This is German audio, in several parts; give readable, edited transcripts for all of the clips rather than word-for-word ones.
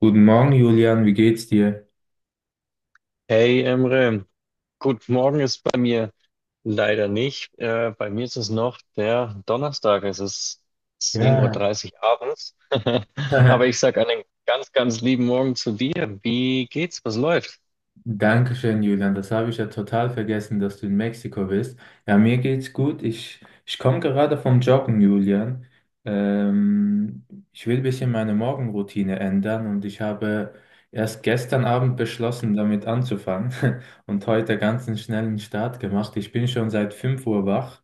Guten Morgen, Julian, wie geht's dir? Hey Emre, gut, morgen ist bei mir leider nicht. Bei mir ist es noch der Donnerstag. Es ist 10:30 Uhr Ja, dreißig abends. Aber ich sag einen ganz, ganz lieben Morgen zu dir. Wie geht's? Was läuft? Dankeschön, Julian. Das habe ich ja total vergessen, dass du in Mexiko bist. Ja, mir geht's gut. Ich komme gerade vom Joggen, Julian. Ähm, Ich will ein bisschen meine Morgenroutine ändern und ich habe erst gestern Abend beschlossen, damit anzufangen, und heute ganz einen schnellen Start gemacht. Ich bin schon seit 5 Uhr wach,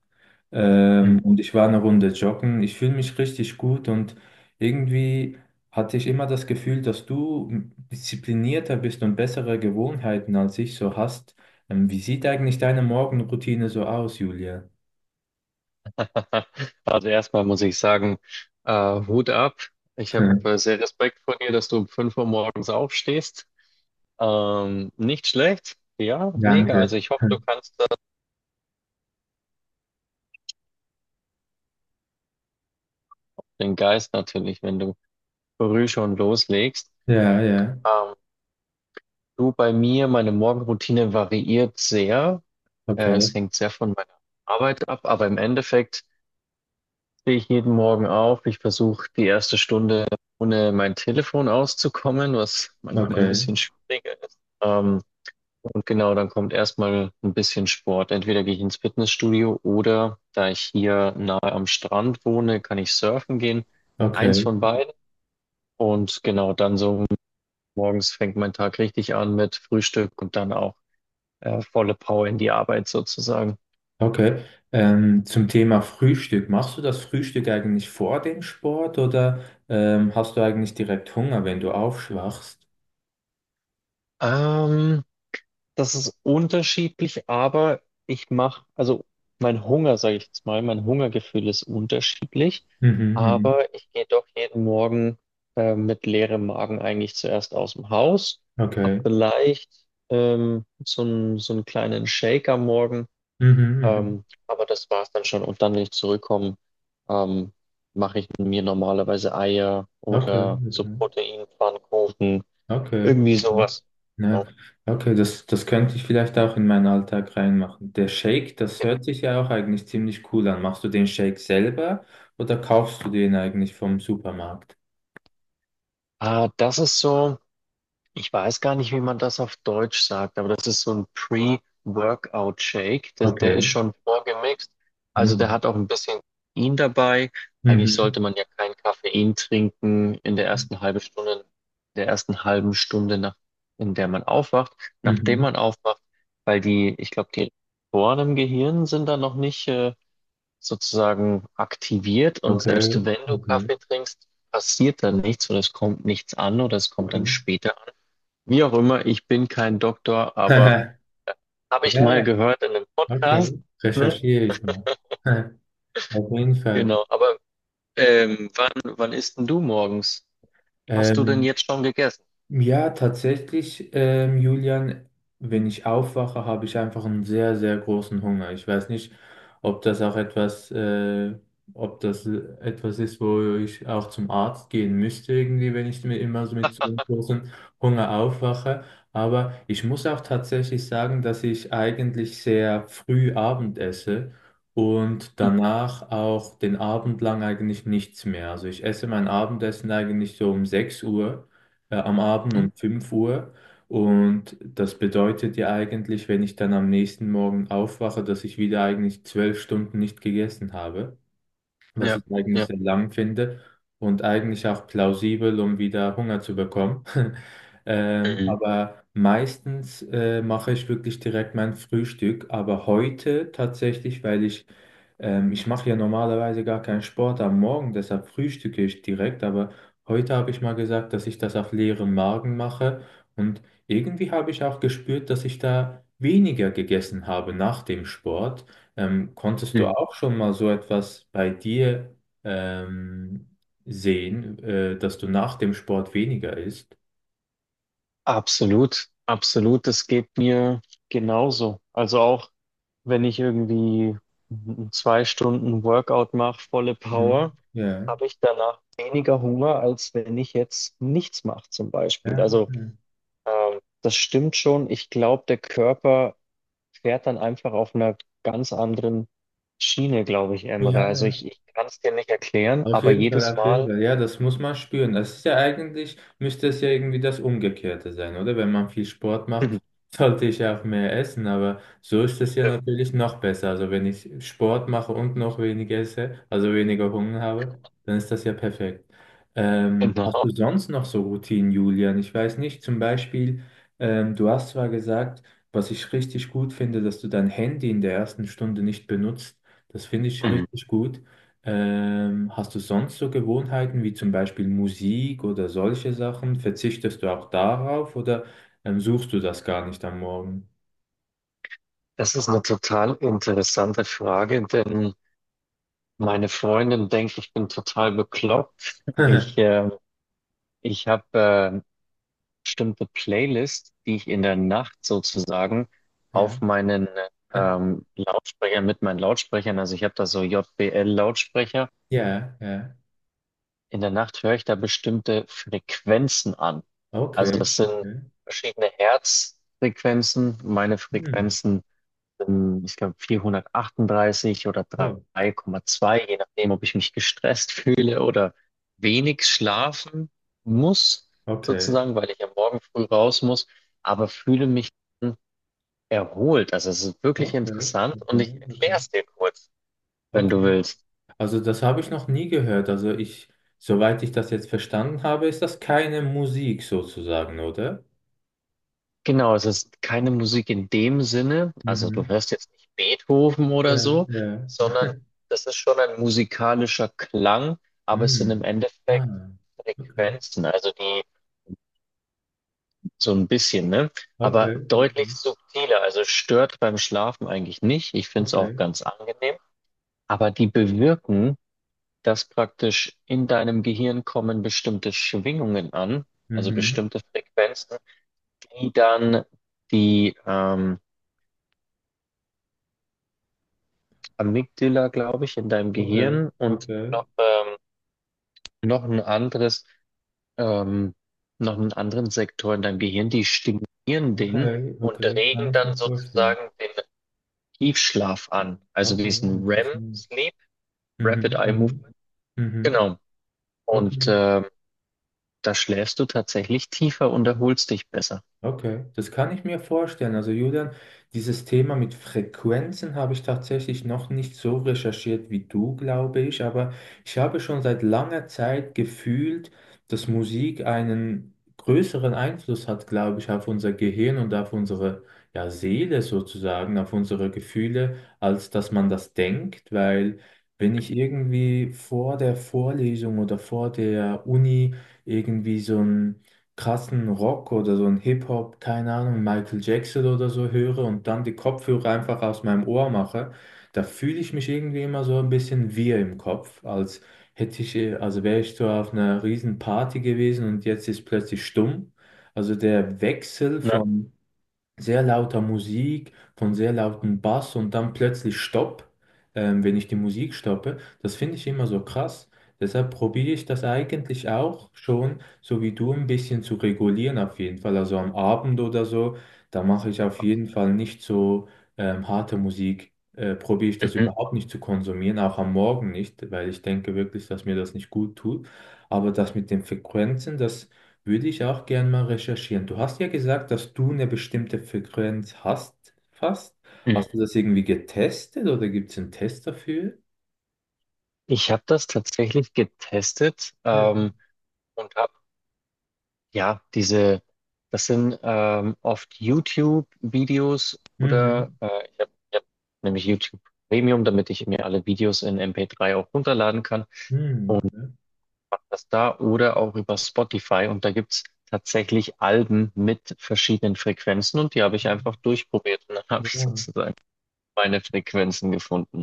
Hm. Und ich war eine Runde joggen. Ich fühle mich richtig gut und irgendwie hatte ich immer das Gefühl, dass du disziplinierter bist und bessere Gewohnheiten als ich so hast. Wie sieht eigentlich deine Morgenroutine so aus, Julia? Also erstmal muss ich sagen, Hut ab. Ich habe Hm, sehr Respekt vor dir, dass du um 5 Uhr morgens aufstehst. Nicht schlecht. Ja, mega. Also Danke. ich hoffe, du Hm. kannst das, den Geist natürlich, wenn du früh schon loslegst. Ja, ja. Ähm, Du, bei mir, meine Morgenroutine variiert sehr. Äh, Okay, es hängt sehr von meiner Arbeit ab, aber im Endeffekt stehe ich jeden Morgen auf. Ich versuche die erste Stunde ohne mein Telefon auszukommen, was manchmal ein okay, bisschen schwieriger ist. Und genau, dann kommt erstmal ein bisschen Sport. Entweder gehe ich ins Fitnessstudio oder da ich hier nahe am Strand wohne, kann ich surfen gehen. Eins okay, von beiden. Und genau, dann so morgens fängt mein Tag richtig an mit Frühstück und dann auch. Volle Power in die Arbeit sozusagen. okay. Zum Thema Frühstück. Machst du das Frühstück eigentlich vor dem Sport oder hast du eigentlich direkt Hunger, wenn du aufschwachst? Ähm, das ist unterschiedlich, aber ich mache, also mein Hunger, sage ich jetzt mal, mein Hungergefühl ist unterschiedlich, Mhm, mhm. aber ich gehe doch jeden Morgen mit leerem Magen eigentlich zuerst aus dem Haus, hab Okay. vielleicht so einen kleinen Shake am Morgen, Mhm, mhm. Aber das war's dann schon. Und dann, wenn ich zurückkomme, ähm, mache ich mir normalerweise Eier Okay, oder so okay, Proteinpfannkuchen. okay, Irgendwie okay. sowas. Ne? Okay, das könnte ich vielleicht auch in meinen Alltag reinmachen. Der Shake, das Ja. hört sich ja auch eigentlich ziemlich cool an. Machst du den Shake selber oder kaufst du den eigentlich vom Supermarkt? Ah, das ist so, ich weiß gar nicht, wie man das auf Deutsch sagt, aber das ist so ein Pre-Workout-Shake. Der ist Okay. schon vorgemixt. Also der Mhm. hat auch ein bisschen Koffein dabei. Eigentlich Mhm. sollte man ja kein Koffein trinken in Ja. der ersten halben Stunde, in der ersten halben Stunde, nach, in der man aufwacht, nachdem Mhm. man aufwacht, weil die, ich glaube, die Rezeptoren im Gehirn sind da noch nicht, sozusagen aktiviert und Okay, selbst wenn du okay, Kaffee trinkst, passiert dann nichts oder es kommt nichts an oder es kommt dann okay. später an. Wie auch immer, ich bin kein Doktor, aber habe ich Ja, mal ja, gehört in einem Podcast. okay. Recherchiere ich mal. Auf jeden Fall. Genau, aber wann isst denn du morgens? Hast du denn Ähm, jetzt schon gegessen? Ja, tatsächlich, Julian, wenn ich aufwache, habe ich einfach einen sehr, sehr großen Hunger. Ich weiß nicht, ob das auch etwas, äh, ob das etwas ist, wo ich auch zum Arzt gehen müsste, irgendwie, wenn ich mir immer so mit so einem großen Hunger aufwache. Aber ich muss auch tatsächlich sagen, dass ich eigentlich sehr früh Abend esse und Mhm. danach auch den Abend lang eigentlich nichts mehr. Also ich esse mein Abendessen eigentlich so um 6 Uhr am Abend, um 5 Uhr. Und das bedeutet ja eigentlich, wenn ich dann am nächsten Morgen aufwache, dass ich wieder eigentlich 12 Stunden nicht gegessen habe, was Ja, ich eigentlich ja. sehr lang finde und eigentlich auch plausibel, um wieder Hunger zu bekommen. Mhm. Aber meistens mache ich wirklich direkt mein Frühstück, aber heute tatsächlich, ich mache ja normalerweise gar keinen Sport am Morgen, deshalb frühstücke ich direkt, aber heute habe ich mal gesagt, dass ich das auf leeren Magen mache, und irgendwie habe ich auch gespürt, dass ich da weniger gegessen habe nach dem Sport. Konntest du Mhm. auch schon mal so etwas bei dir ähm, sehen, dass du nach dem Sport weniger isst? Absolut, absolut, das geht mir genauso. Also auch wenn ich irgendwie 2 Stunden Workout mache, volle Power. Mhm. Ja. Habe ich danach weniger Hunger, als wenn ich jetzt nichts mache, zum Beispiel. Ja, Also, okay. Das stimmt schon. Ich glaube, der Körper fährt dann einfach auf einer ganz anderen Schiene, glaube ich, Ja, Emre. Also, ich, ja. ich kann es dir nicht erklären, Auf aber jeden Fall, jedes auf jeden Mal. Fall. Ja, das muss man spüren. Das ist ja eigentlich, müsste es ja irgendwie das Umgekehrte sein, oder? Wenn man viel Sport Mhm. macht, sollte ich ja auch mehr essen, aber so ist es ja Stimmt. natürlich noch besser. Also wenn ich Sport mache und noch weniger esse, also weniger Hunger habe, dann ist das ja perfekt. Hast du Genau. sonst noch so Routinen, Julian? Ich weiß nicht, zum Beispiel, du hast zwar gesagt, was ich richtig gut finde, dass du dein Handy in der ersten Stunde nicht benutzt. Das finde ich Mhm. richtig gut. Hast du sonst so Gewohnheiten wie zum Beispiel Musik oder solche Sachen? Verzichtest du auch darauf oder suchst du das gar nicht am Morgen? Das ist eine total interessante Frage, denn meine Freundin denkt, ich bin total bekloppt. Ich, äh, ich habe bestimmte Playlist, die ich in der Nacht sozusagen Ja, auf meinen Lautsprecher, mit meinen Lautsprechern, also ich habe da so JBL-Lautsprecher, ja, ja. in der Nacht höre ich da bestimmte Frequenzen an. Also Okay, das sind okay. verschiedene Herzfrequenzen, meine Hm. Frequenzen ich glaube 438 oder Oh, 3,2, je nachdem, ob ich mich gestresst fühle oder wenig schlafen muss, okay. sozusagen, weil ich am Morgen früh raus muss, aber fühle mich erholt. Also es ist wirklich Okay, interessant und okay, ich okay, erkläre es dir kurz, wenn du okay. willst. Also das habe ich noch nie gehört. Also ich, soweit ich das jetzt verstanden habe, ist das keine Musik sozusagen, oder? Genau, es ist keine Musik in dem Sinne, also du Mhm. hörst jetzt nicht Beethoven oder Ja, so, ja. sondern das ist schon ein musikalischer Klang, aber es sind im Hm. Endeffekt Ah, okay. Frequenzen, also die so ein bisschen, ne? Aber Okay, deutlich okay, subtiler, also stört beim Schlafen eigentlich nicht. Ich finde es auch okay. ganz angenehm, aber die bewirken, dass praktisch in deinem Gehirn kommen bestimmte Schwingungen an, also Mhm. bestimmte Frequenzen, die dann die Amygdala, glaube ich, in deinem Okay, Gehirn und okay, noch, noch ein anderes, ähm, noch einen anderen Sektor in deinem Gehirn, die stimulieren den okay, und okay. regen Kann ich mir dann vorstellen. sozusagen den Tiefschlaf an, also Okay, diesen interessant. REM-Sleep, Rapid Mhm, Eye mhm, Movement. mhm. Genau. Und Okay. Da schläfst du tatsächlich tiefer und erholst dich besser. Okay, das kann ich mir vorstellen. Also Julian, dieses Thema mit Frequenzen habe ich tatsächlich noch nicht so recherchiert wie du, glaube ich, aber ich habe schon seit langer Zeit gefühlt, dass Musik einen größeren Einfluss hat, glaube ich, auf unser Gehirn und auf unsere, ja, Seele sozusagen, auf unsere Gefühle, als dass man das denkt, weil wenn ich irgendwie vor der Vorlesung oder vor der Uni irgendwie so ein krassen Rock oder so ein Hip-Hop, keine Ahnung, Michael Jackson oder so höre und dann die Kopfhörer einfach aus meinem Ohr mache, da fühle ich mich irgendwie immer so ein bisschen wirr im Kopf, als also wäre ich so auf einer riesen Party gewesen und jetzt ist plötzlich stumm. Also der Wechsel Na, von sehr lauter Musik, von sehr lautem Bass und dann plötzlich Stopp, wenn ich die Musik stoppe. Das finde ich immer so krass. Deshalb probiere ich das eigentlich auch schon, so wie du, ein bisschen zu regulieren auf jeden Fall. Also am Abend oder so, da mache ich auf jeden okay. Fall nicht so harte Musik. Probiere ich das Mhm. überhaupt nicht zu konsumieren, auch am Morgen nicht, weil ich denke wirklich, dass mir das nicht gut tut. Aber das mit den Frequenzen, das würde ich auch gern mal recherchieren. Du hast ja gesagt, dass du eine bestimmte Frequenz hast, fast. Hast du Mhm. das irgendwie getestet oder gibt es einen Test dafür? Ich habe das tatsächlich getestet, Ja. Und habe. Ja, diese, das sind oft YouTube-Videos oder Mhm. Ich habe hab ich hab nämlich YouTube Premium, damit ich mir alle Videos in MP3 auch runterladen kann. Mhm. Mach das da oder auch über Spotify und da gibt's tatsächlich Alben mit verschiedenen Frequenzen und die habe ich einfach Okay. durchprobiert und dann habe ich Ja. sozusagen meine Frequenzen gefunden.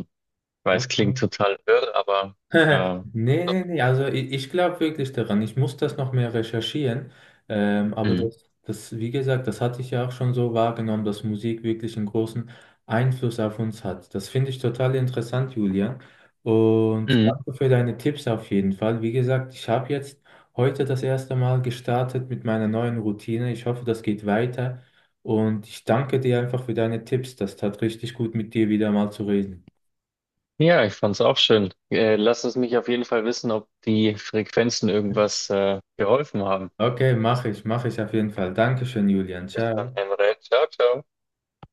Ich weiß, klingt Okay. total wirr, aber äh, Nee, so. nee, nee, also ich glaube wirklich daran. Ich muss das noch mehr recherchieren. Aber Mhm. das, das, wie gesagt, das hatte ich ja auch schon so wahrgenommen, dass Musik wirklich einen großen Einfluss auf uns hat. Das finde ich total interessant, Julian. Und danke für deine Tipps auf jeden Fall. Wie gesagt, ich habe jetzt heute das erste Mal gestartet mit meiner neuen Routine. Ich hoffe, das geht weiter. Und ich danke dir einfach für deine Tipps. Das tat richtig gut, mit dir wieder mal zu reden. Ja, ich fand's auch schön. Lass es mich auf jeden Fall wissen, ob die Frequenzen irgendwas geholfen haben. Okay, mache ich auf jeden Fall. Dankeschön, Julian. Bis dann, Ciao. Emre. Ciao, ciao.